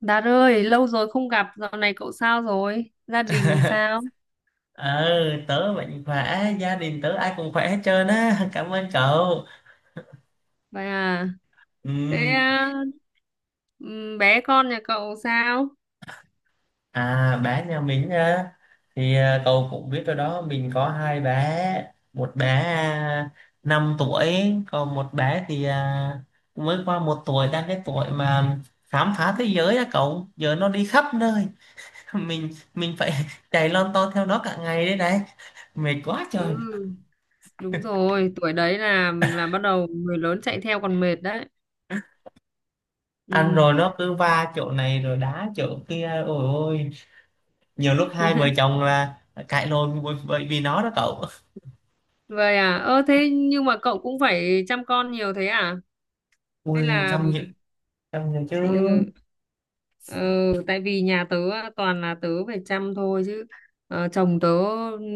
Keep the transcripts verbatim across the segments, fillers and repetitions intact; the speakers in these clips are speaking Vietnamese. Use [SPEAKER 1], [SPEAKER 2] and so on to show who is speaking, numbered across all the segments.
[SPEAKER 1] Đạt ơi, lâu rồi không gặp, dạo này cậu sao rồi? Gia đình sao?
[SPEAKER 2] ờ tớ mạnh khỏe, gia đình tớ ai cũng khỏe hết trơn á. Cảm ơn cậu.
[SPEAKER 1] Vậy à, thế
[SPEAKER 2] Ừm.
[SPEAKER 1] à, ừm, bé con nhà cậu sao?
[SPEAKER 2] À, bé nhà mình á, thì à, cậu cũng biết rồi đó, mình có hai bé. Một bé à, năm tuổi, còn một bé thì à, mới qua một tuổi, đang cái tuổi mà khám phá thế giới á cậu, giờ nó đi khắp nơi. mình mình phải chạy lon ton theo nó cả ngày, đấy đấy mệt quá trời.
[SPEAKER 1] Ừ, đúng rồi, tuổi đấy là là bắt đầu người lớn chạy theo còn mệt đấy.
[SPEAKER 2] Ăn
[SPEAKER 1] Ừ,
[SPEAKER 2] rồi nó cứ va chỗ này rồi đá chỗ kia, ôi ôi, nhiều lúc hai vợ chồng là cãi lộn bởi bởi vì nó đó cậu.
[SPEAKER 1] vậy à, ơ thế nhưng mà cậu cũng phải chăm con nhiều thế à?
[SPEAKER 2] Ui,
[SPEAKER 1] Hay là
[SPEAKER 2] chăm gì, chăm gì chứ.
[SPEAKER 1] ừ, ừ, tại vì nhà tớ toàn là tớ phải chăm thôi chứ ờ, chồng tớ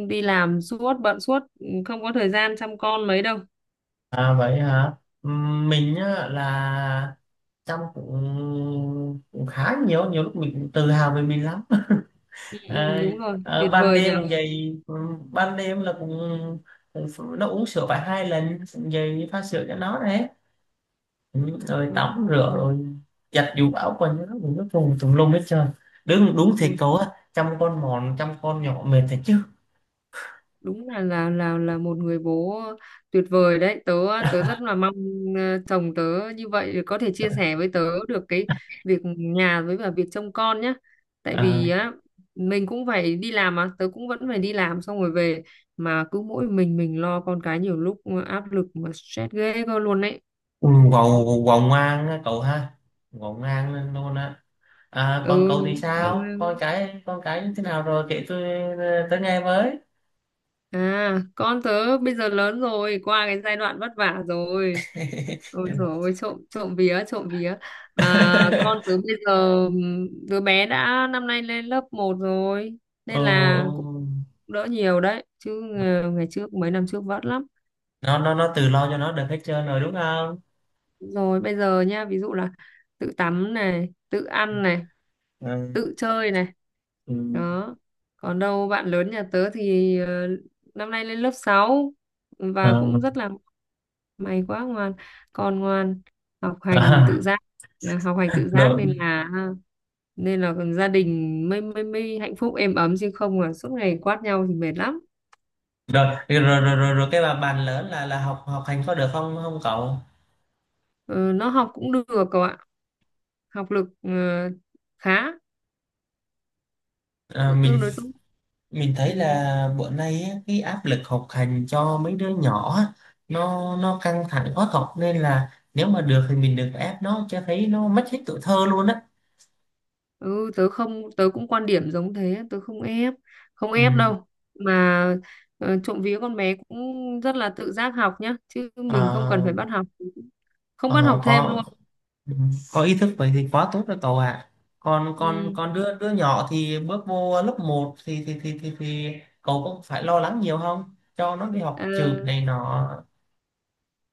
[SPEAKER 1] đi làm suốt bận suốt ừ, không có thời gian chăm con mấy đâu.
[SPEAKER 2] À, vậy hả? Ừm, mình á, là chăm cũng, cũng khá nhiều, nhiều lúc mình cũng tự hào về mình lắm.
[SPEAKER 1] Ừ, ừ,
[SPEAKER 2] À,
[SPEAKER 1] đúng rồi,
[SPEAKER 2] ở
[SPEAKER 1] tuyệt
[SPEAKER 2] ban
[SPEAKER 1] vời nhỉ.
[SPEAKER 2] đêm cũng vậy. Ừm, ban đêm là cũng, cũng ph- nó uống sữa phải hai lần, cũng vậy, pha sữa cho nó đấy. Ừm, rồi tắm rửa,
[SPEAKER 1] Ừ,
[SPEAKER 2] rồi giặt giũ áo quần cho nó cũng nó tùm tùm lum hết trơn. Đúng đúng, thiệt
[SPEAKER 1] ôi,
[SPEAKER 2] cậu á, chăm con mòn, chăm con nhỏ mệt thật chứ.
[SPEAKER 1] đúng là là là là một người bố tuyệt vời đấy. Tớ tớ rất là mong ờ, chồng tớ như vậy để có thể chia sẻ với tớ được cái việc nhà với cả việc trông con nhá. Tại
[SPEAKER 2] À,
[SPEAKER 1] vì á, mình cũng phải đi làm mà, tớ cũng vẫn phải đi làm xong rồi về mà cứ mỗi mình mình lo con cái, nhiều lúc áp lực mà stress ghê cơ luôn đấy.
[SPEAKER 2] Ngọn, Ngọn ngoan á cậu ha, Ngọn ngoan luôn á. À, còn
[SPEAKER 1] Ừ,
[SPEAKER 2] cậu thì
[SPEAKER 1] nhiều
[SPEAKER 2] sao?
[SPEAKER 1] lúc-
[SPEAKER 2] Con cái, con cái như thế nào rồi? Kể tôi tới nghe với.
[SPEAKER 1] à, con tớ bây giờ lớn rồi, qua cái giai đoạn vất vả rồi. Ôi dồi ôi, trộm trộm vía, trộm vía, à, con tớ bây giờ ừm, đứa bé đã năm nay lên lớp một rồi,
[SPEAKER 2] Ừ,
[SPEAKER 1] nên là cũng
[SPEAKER 2] ừ.
[SPEAKER 1] đỡ nhiều đấy chứ. Ờ, ngày trước mấy năm trước vất lắm,
[SPEAKER 2] Nó nó nó tự lo cho nó được hết trơn rồi đúng không?
[SPEAKER 1] rồi bây giờ nha, ví dụ là tự tắm này, tự ăn này,
[SPEAKER 2] Ừ.
[SPEAKER 1] tự chơi này,
[SPEAKER 2] Ừ.
[SPEAKER 1] đó. Còn đâu bạn lớn nhà tớ thì ờ, năm nay lên lớp sáu và
[SPEAKER 2] Ờ.
[SPEAKER 1] cũng rất là may quá, ngoan, con ngoan, học hành
[SPEAKER 2] À.
[SPEAKER 1] tự giác à, học hành tự giác
[SPEAKER 2] Rồi,
[SPEAKER 1] nên là nên là gia đình mới mới mới hạnh phúc êm ấm, chứ không là suốt ngày quát nhau thì mệt lắm.
[SPEAKER 2] rồi, rồi, rồi, rồi, rồi, cái bà bàn lớn là là học học hành có được không không cậu?
[SPEAKER 1] Ờ, nó học cũng được cậu ạ, học lực ờ, khá,
[SPEAKER 2] À,
[SPEAKER 1] tự- tương
[SPEAKER 2] mình
[SPEAKER 1] đối tốt.
[SPEAKER 2] mình thấy
[SPEAKER 1] Ừ.
[SPEAKER 2] là bữa nay á, cái áp lực học hành cho mấy đứa nhỏ á, nó nó căng thẳng khó học, nên là nếu mà được thì mình đừng có ép nó cho thấy nó mất hết tuổi thơ luôn á.
[SPEAKER 1] Ừ, tớ không, tớ cũng quan điểm giống thế, tớ không ép, không
[SPEAKER 2] Ừ,
[SPEAKER 1] ép đâu mà ờ, trộm vía, con bé cũng rất là tự giác học nhá, chứ mình không cần
[SPEAKER 2] ờ,
[SPEAKER 1] phải bắt học, không bắt
[SPEAKER 2] ờ,
[SPEAKER 1] học thêm
[SPEAKER 2] có
[SPEAKER 1] luôn.
[SPEAKER 2] có ý thức vậy thì quá tốt rồi cậu ạ. còn còn
[SPEAKER 1] Ừ.
[SPEAKER 2] còn đứa đứa nhỏ thì bước vô lớp một thì thì thì thì, thì cậu cũng phải lo lắng nhiều không cho nó đi
[SPEAKER 1] ờ,
[SPEAKER 2] học trượt này nọ.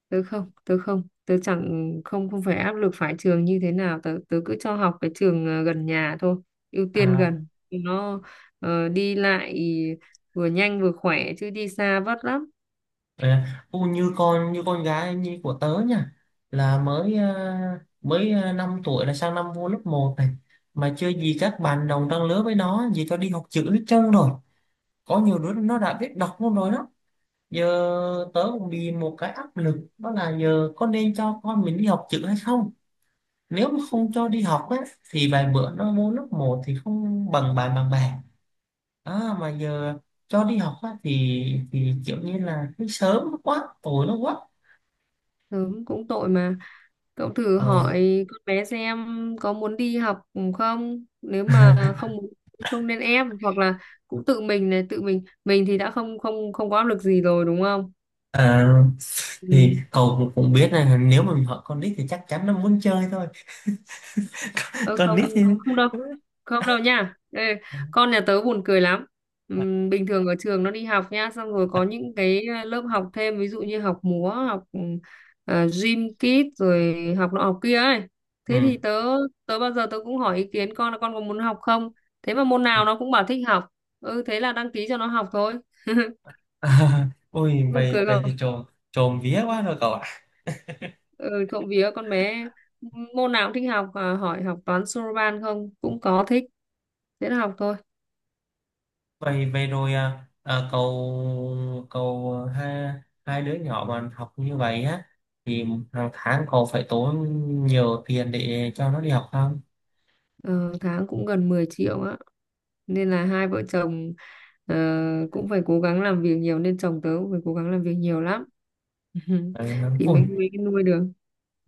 [SPEAKER 1] Tớ không, tớ không, tớ chẳng, không không phải áp lực phải trường như thế nào, tớ tớ cứ cho học cái trường ờ, gần nhà thôi, ưu tiên
[SPEAKER 2] à,
[SPEAKER 1] gần nó, ờ, đi lại vừa nhanh vừa khỏe chứ đi xa vất lắm.
[SPEAKER 2] À, u như con như con gái như của tớ nha, là mới à, mới à, năm tuổi là sang năm vô lớp một này, mà chưa gì các bạn đồng trang lứa với nó gì cho đi học chữ hết trơn rồi, có nhiều đứa nó đã biết đọc luôn rồi đó. Giờ tớ cũng bị một cái áp lực, đó là giờ có nên cho con mình đi học chữ hay không. Nếu mà không cho đi học á, thì vài bữa nó vô lớp một thì không bằng bạn bằng bè. À, mà giờ cho đi học á, thì thì kiểu như là cái sớm quá tối nó quá.
[SPEAKER 1] Sớm cũng tội mà. Cậu thử
[SPEAKER 2] Ờ.
[SPEAKER 1] hỏi con bé xem có muốn đi học không? Nếu mà không muốn cũng không nên ép, hoặc là cũng tự mình này, tự mình mình thì đã không không không có áp lực gì rồi đúng không?
[SPEAKER 2] Ờ, thì
[SPEAKER 1] Ừ.
[SPEAKER 2] cậu cũng cũng biết là nếu mà mình hỏi con nít thì chắc chắn nó muốn chơi thôi.
[SPEAKER 1] Ơ,
[SPEAKER 2] Con
[SPEAKER 1] không,
[SPEAKER 2] nít thì.
[SPEAKER 1] không đâu, không đâu nha. Ê, con nhà tớ buồn cười lắm. Ừm, bình thường ở trường nó đi học nha, xong rồi có những cái ờ, lớp học thêm, ví dụ như học múa, học ừm, à, gym kit, rồi học nọ học kia ấy. Thế
[SPEAKER 2] Ừ.
[SPEAKER 1] thì tớ tớ bao giờ tớ cũng hỏi ý kiến con là con có muốn học không, thế mà môn nào nó cũng bảo thích học, ừ, thế là đăng ký cho nó học thôi,
[SPEAKER 2] À, ôi
[SPEAKER 1] buồn
[SPEAKER 2] vậy
[SPEAKER 1] cười
[SPEAKER 2] vậy thì
[SPEAKER 1] không?
[SPEAKER 2] trộm trộm vía quá rồi cậu ạ.
[SPEAKER 1] Ừ, trộm vía con bé môn nào cũng thích học, à, hỏi học toán Soroban không cũng có thích, thế là học thôi.
[SPEAKER 2] Vậy vậy rồi à, à, cậu cậu à, hai hai đứa nhỏ mà học như vậy á, thì hàng tháng cậu phải tốn nhiều tiền để cho nó đi học không?
[SPEAKER 1] Ờ, tháng cũng gần mười triệu á, nên là hai vợ chồng ờ, cũng phải cố gắng làm việc nhiều, nên chồng tớ cũng phải cố gắng làm việc nhiều lắm.
[SPEAKER 2] Phải không?
[SPEAKER 1] Thì
[SPEAKER 2] Ôi,
[SPEAKER 1] mới mới nuôi được.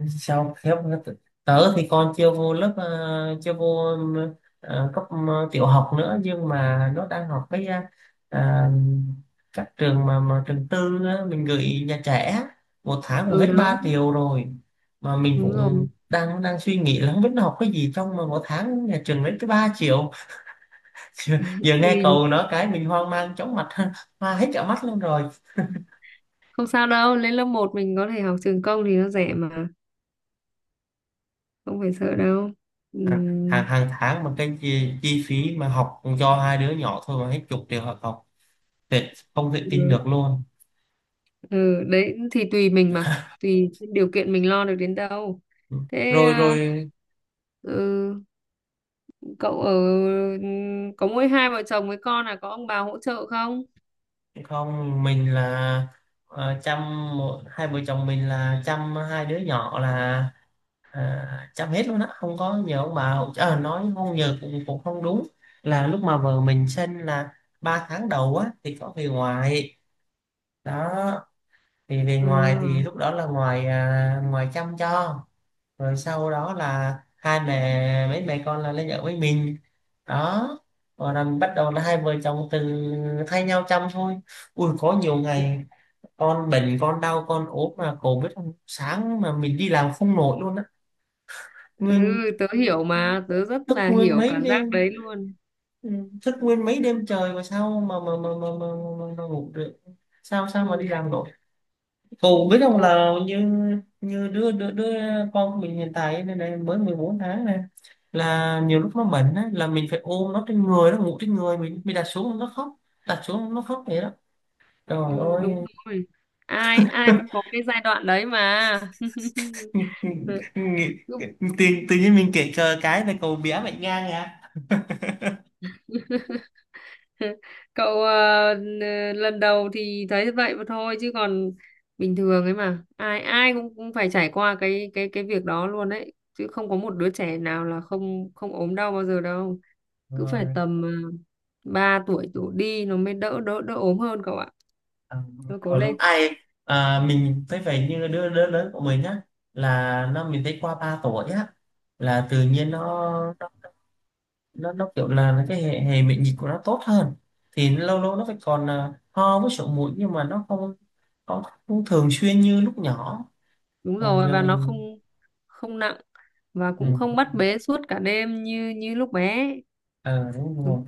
[SPEAKER 2] sao khiếp. Tớ thì con chưa vô lớp ờ, chưa vô ờ, cấp ờ, tiểu học nữa, nhưng mà nó đang học cái ờ, à, các trường mà, mà trường tư á, mình gửi nhà trẻ á, một tháng cũng
[SPEAKER 1] Ừ,
[SPEAKER 2] hết
[SPEAKER 1] đó,
[SPEAKER 2] ba triệu rồi. Mà mình
[SPEAKER 1] đúng rồi,
[SPEAKER 2] cũng đang đang suy nghĩ là không biết nó học cái gì trong mà một tháng nhà trường lấy cái ba triệu. Giờ nghe
[SPEAKER 1] thì
[SPEAKER 2] cậu nói cái mình hoang mang chóng mặt, hoa hết cả mắt luôn rồi.
[SPEAKER 1] không sao đâu, lên lớp một mình có thể học trường công thì nó rẻ mà, không phải sợ đâu.
[SPEAKER 2] hàng
[SPEAKER 1] Ừm,
[SPEAKER 2] hàng tháng mà cái chi, chi phí mà học cho hai đứa nhỏ thôi mà hết chục triệu học. Thiệt không thể tin
[SPEAKER 1] ừ,
[SPEAKER 2] được luôn.
[SPEAKER 1] ừ, đấy thì tùy mình mà, tùy điều kiện mình lo được đến đâu. Thế
[SPEAKER 2] Rồi,
[SPEAKER 1] à,
[SPEAKER 2] rồi.
[SPEAKER 1] ừ, cậu ở có mỗi hai vợ chồng với con, là có ông bà hỗ trợ không?
[SPEAKER 2] Không, mình là ờ, chăm một- hai vợ chồng mình là chăm hai đứa nhỏ là à, chăm hết luôn á, không có nhờ ông bà hỗ trợ. Ờ, nói không nhờ cũng cũng không đúng. Là lúc mà vợ mình sinh là ba tháng đầu á thì có về ngoài. Đó, thì về
[SPEAKER 1] Ờ,
[SPEAKER 2] ngoài thì lúc đó là ngoài à, ngoài chăm cho. Rồi sau đó là hai mẹ mấy mẹ con là lấy vợ với mình, đó, rồi là bắt đầu là hai vợ chồng từ thay nhau chăm thôi. Ui, có nhiều ngày con bệnh, con đau, con ốm mà cổ biết không, sáng mà mình đi làm không nổi luôn á.
[SPEAKER 1] ừ,
[SPEAKER 2] nguyên
[SPEAKER 1] tớ hiểu mà, tớ rất
[SPEAKER 2] Thức
[SPEAKER 1] là
[SPEAKER 2] nguyên
[SPEAKER 1] hiểu
[SPEAKER 2] mấy
[SPEAKER 1] cảm giác
[SPEAKER 2] đêm,
[SPEAKER 1] đấy luôn.
[SPEAKER 2] ừ, thức nguyên mấy đêm trời mà sao mà mà mà mà, mà, mà, mà ngủ được? Sao sao mà
[SPEAKER 1] Ừ,
[SPEAKER 2] đi làm nổi? Phụ biết không,
[SPEAKER 1] thôi,
[SPEAKER 2] là như như đứa đứa đứa con của mình hiện tại này, này mới mười bốn tháng này, là nhiều lúc nó bệnh á, là mình phải ôm nó trên người, nó ngủ trên người mình mình đặt xuống nó khóc, đặt xuống nó khóc vậy đó, trời
[SPEAKER 1] ừ,
[SPEAKER 2] ơi.
[SPEAKER 1] đúng rồi. Ai ai cũng có cái giai đoạn đấy mà.
[SPEAKER 2] Nghĩ-
[SPEAKER 1] Lúc-
[SPEAKER 2] tự, tự nhiên mình kể cờ cái là cậu bé bệnh ngang à.
[SPEAKER 1] Cậu ờ, n- lần đầu thì thấy vậy mà thôi, chứ còn bình thường ấy mà. Ai ai cũng, cũng phải trải qua cái cái cái việc đó luôn đấy, chứ không có một đứa trẻ nào là không không ốm đau bao giờ đâu. Cứ phải
[SPEAKER 2] Rồi,
[SPEAKER 1] tầm ờ, ba tuổi đổ đi nó mới đỡ đỡ đỡ ốm hơn cậu ạ.
[SPEAKER 2] à, đúng
[SPEAKER 1] Thôi cố
[SPEAKER 2] rồi, đúng
[SPEAKER 1] lên.
[SPEAKER 2] ai. À, mình thấy vậy như đứa đứa lớn của mình á, là nó mình thấy qua ba tuổi á là tự nhiên nó nó nó kiểu là nó cái hệ, hệ miễn dịch của nó tốt hơn, thì lâu lâu nó phải còn à, ho với sổ mũi, nhưng mà nó không không, không thường xuyên như lúc nhỏ.
[SPEAKER 1] Đúng
[SPEAKER 2] Còn
[SPEAKER 1] rồi,
[SPEAKER 2] giờ
[SPEAKER 1] và nó
[SPEAKER 2] mình.
[SPEAKER 1] không không nặng, và
[SPEAKER 2] Ừ,
[SPEAKER 1] cũng không bắt bế suốt cả đêm như như lúc bé.
[SPEAKER 2] ờ, đúng
[SPEAKER 1] Ừ.
[SPEAKER 2] rồi.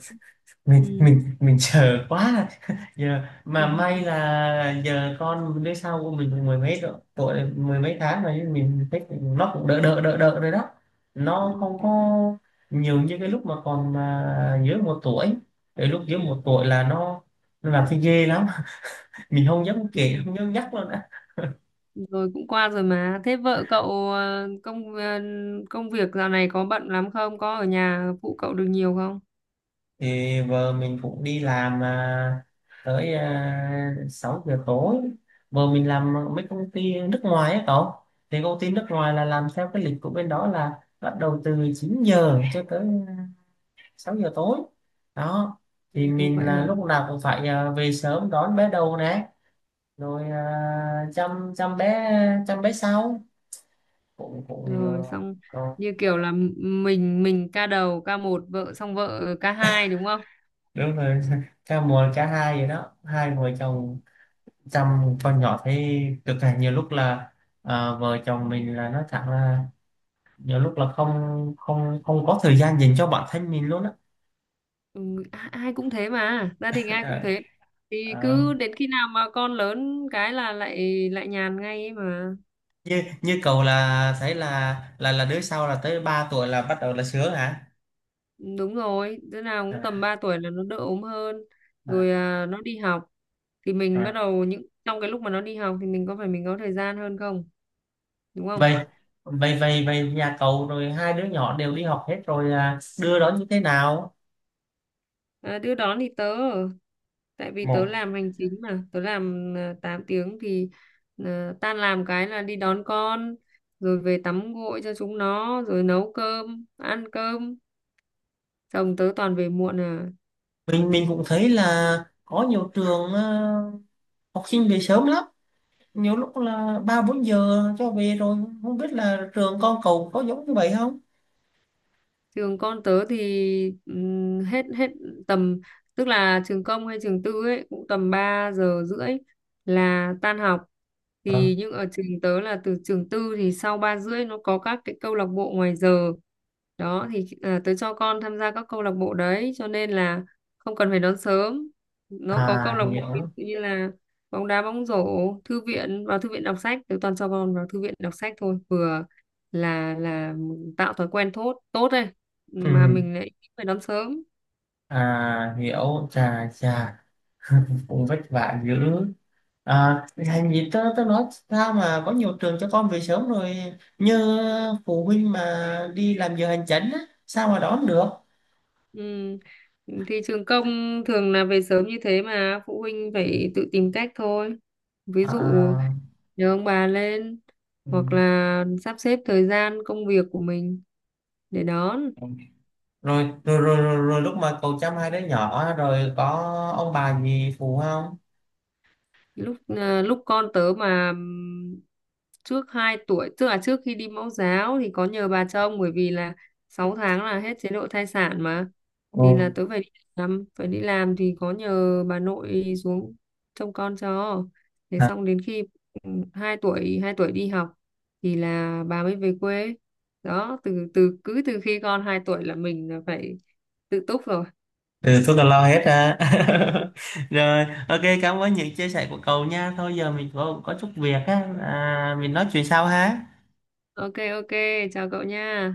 [SPEAKER 2] mình
[SPEAKER 1] Ừ.
[SPEAKER 2] mình mình chờ quá. Giờ mà may là giờ con đứa sau của mình cũng mười mấy độ- tuổi rồi, mười mấy tháng rồi, mình thấy cũng- nó cũng đỡ đỡ đỡ đỡ rồi đó. Nó không có nhiều như cái lúc mà còn à, dưới một tuổi. Cái lúc dưới một tuổi là nó nó làm thấy ghê lắm, mình không dám
[SPEAKER 1] Ừ.
[SPEAKER 2] kể, không dám nhắc luôn á.
[SPEAKER 1] Rồi cũng qua rồi mà, thế vợ cậu ờ, công ờ, công việc dạo này có bận lắm không, có ở nhà phụ cậu được nhiều không?
[SPEAKER 2] Thì vợ mình cũng đi làm à, tới à, sáu giờ tối. Vợ mình làm mấy công ty nước ngoài á cậu. Thì công ty nước ngoài là làm theo cái lịch của bên đó, là bắt đầu từ chín giờ cho tới sáu giờ tối. Đó,
[SPEAKER 1] Ừ,
[SPEAKER 2] thì mình
[SPEAKER 1] vậy
[SPEAKER 2] là
[SPEAKER 1] hả?
[SPEAKER 2] lúc nào cũng phải à, về sớm đón bé đầu nè, rồi à, chăm chăm bé, chăm bé sau cũng cũng.
[SPEAKER 1] Rồi xong
[SPEAKER 2] Ờ,
[SPEAKER 1] như kiểu là m- mình mình ca đầu, ca một, vợ xong vợ ca hai, đúng không?
[SPEAKER 2] đúng rồi. Ca một, ca hai vậy đó, hai vợ chồng chăm con nhỏ thấy cực là, nhiều lúc là à, vợ chồng mình là nói thẳng là, nhiều lúc là không không không có thời gian dành cho bản thân mình luôn á.
[SPEAKER 1] Ừ, a- ai cũng thế mà, gia đình ai cũng
[SPEAKER 2] Ờ,
[SPEAKER 1] thế, thì
[SPEAKER 2] ờ,
[SPEAKER 1] cứ đến khi nào mà con lớn cái là lại lại nhàn ngay ấy mà.
[SPEAKER 2] như như cậu là thấy là là là đứa sau là tới ba tuổi là bắt đầu là sướng hả?
[SPEAKER 1] Ừ, đúng rồi, đứa nào cũng
[SPEAKER 2] À,
[SPEAKER 1] tầm ba tuổi là nó đỡ ốm hơn,
[SPEAKER 2] à,
[SPEAKER 1] rồi à, nó đi học, thì mình bắt
[SPEAKER 2] à.
[SPEAKER 1] đầu, những trong cái lúc mà nó đi học thì mình có phải mình có thời gian hơn, không đúng không?
[SPEAKER 2] Vậy vậy vậy vậy nhà cậu rồi hai đứa nhỏ đều đi học hết rồi à, đưa đón như thế nào?
[SPEAKER 1] À, đưa đón thì tớ ở- tại vì tớ
[SPEAKER 2] Một,
[SPEAKER 1] làm hành chính mà, tớ làm à, tám tiếng thì à, tan làm cái là đi đón con, rồi về tắm gội cho chúng nó rồi nấu cơm ăn cơm. Xong tớ toàn về muộn à.
[SPEAKER 2] mình mình cũng thấy là có nhiều trường ờ, học sinh về sớm lắm. Nhiều lúc là ba bốn giờ cho về rồi, không biết là trường con cậu có giống như vậy không?
[SPEAKER 1] Trường con tớ thì ừm, hết hết tầm, tức là trường công hay trường tư ấy cũng tầm ba giờ rưỡi là tan học,
[SPEAKER 2] Ờ,
[SPEAKER 1] thì nhưng ở trường tớ là, từ trường tư thì sau ba rưỡi nó có các cái câu lạc bộ ngoài giờ đó, thì à, tớ cho con tham gia các câu lạc bộ đấy, cho nên là không cần phải đón sớm. Nó có câu
[SPEAKER 2] à,
[SPEAKER 1] lạc bộ ví
[SPEAKER 2] hiểu.
[SPEAKER 1] dụ như là bóng đá, bóng rổ, thư viện, vào thư viện đọc sách, tớ toàn cho con vào thư viện đọc sách thôi, vừa là là tạo thói quen tốt, tốt đấy,
[SPEAKER 2] Ừ,
[SPEAKER 1] mà mình lại phải đón sớm.
[SPEAKER 2] à, hiểu. Chà chà. Cũng vất vả dữ. À, Thành gì tớ, tớ nói sao mà có nhiều trường cho con về sớm rồi, như phụ huynh mà đi làm giờ hành chánh á, sao mà đón được?
[SPEAKER 1] Ừ. Thì trường công thường là về sớm như thế, mà phụ huynh phải tự tìm cách thôi, ví
[SPEAKER 2] À,
[SPEAKER 1] dụ
[SPEAKER 2] à.
[SPEAKER 1] nhờ ông bà lên,
[SPEAKER 2] Ừ.
[SPEAKER 1] hoặc là sắp xếp thời gian công việc của mình để đón.
[SPEAKER 2] Rồi, rồi, rồi, rồi, rồi, lúc mà cậu chăm hai đứa nhỏ rồi có ông bà gì phụ không?
[SPEAKER 1] Lúc à, lúc con tớ mà ừm, trước hai tuổi, tức là trước khi đi mẫu giáo, thì có nhờ bà trông, bởi vì là sáu tháng là hết chế độ thai sản mà,
[SPEAKER 2] Ừ.
[SPEAKER 1] thì là tớ phải đi làm, phải đi làm thì có nhờ bà nội xuống trông con cho, thế xong đến khi ừ, hai tuổi hai tuổi đi học thì là bà mới về quê, đó. Từ từ cứ từ khi con hai tuổi là mình là phải tự túc rồi.
[SPEAKER 2] Ừ, tôi là lo hết ra. Rồi, ok, cảm ơn những chia sẻ của cậu nha. Thôi giờ mình có, có chút việc á à, mình nói chuyện sau ha.
[SPEAKER 1] Ok, ok, chào cậu nha.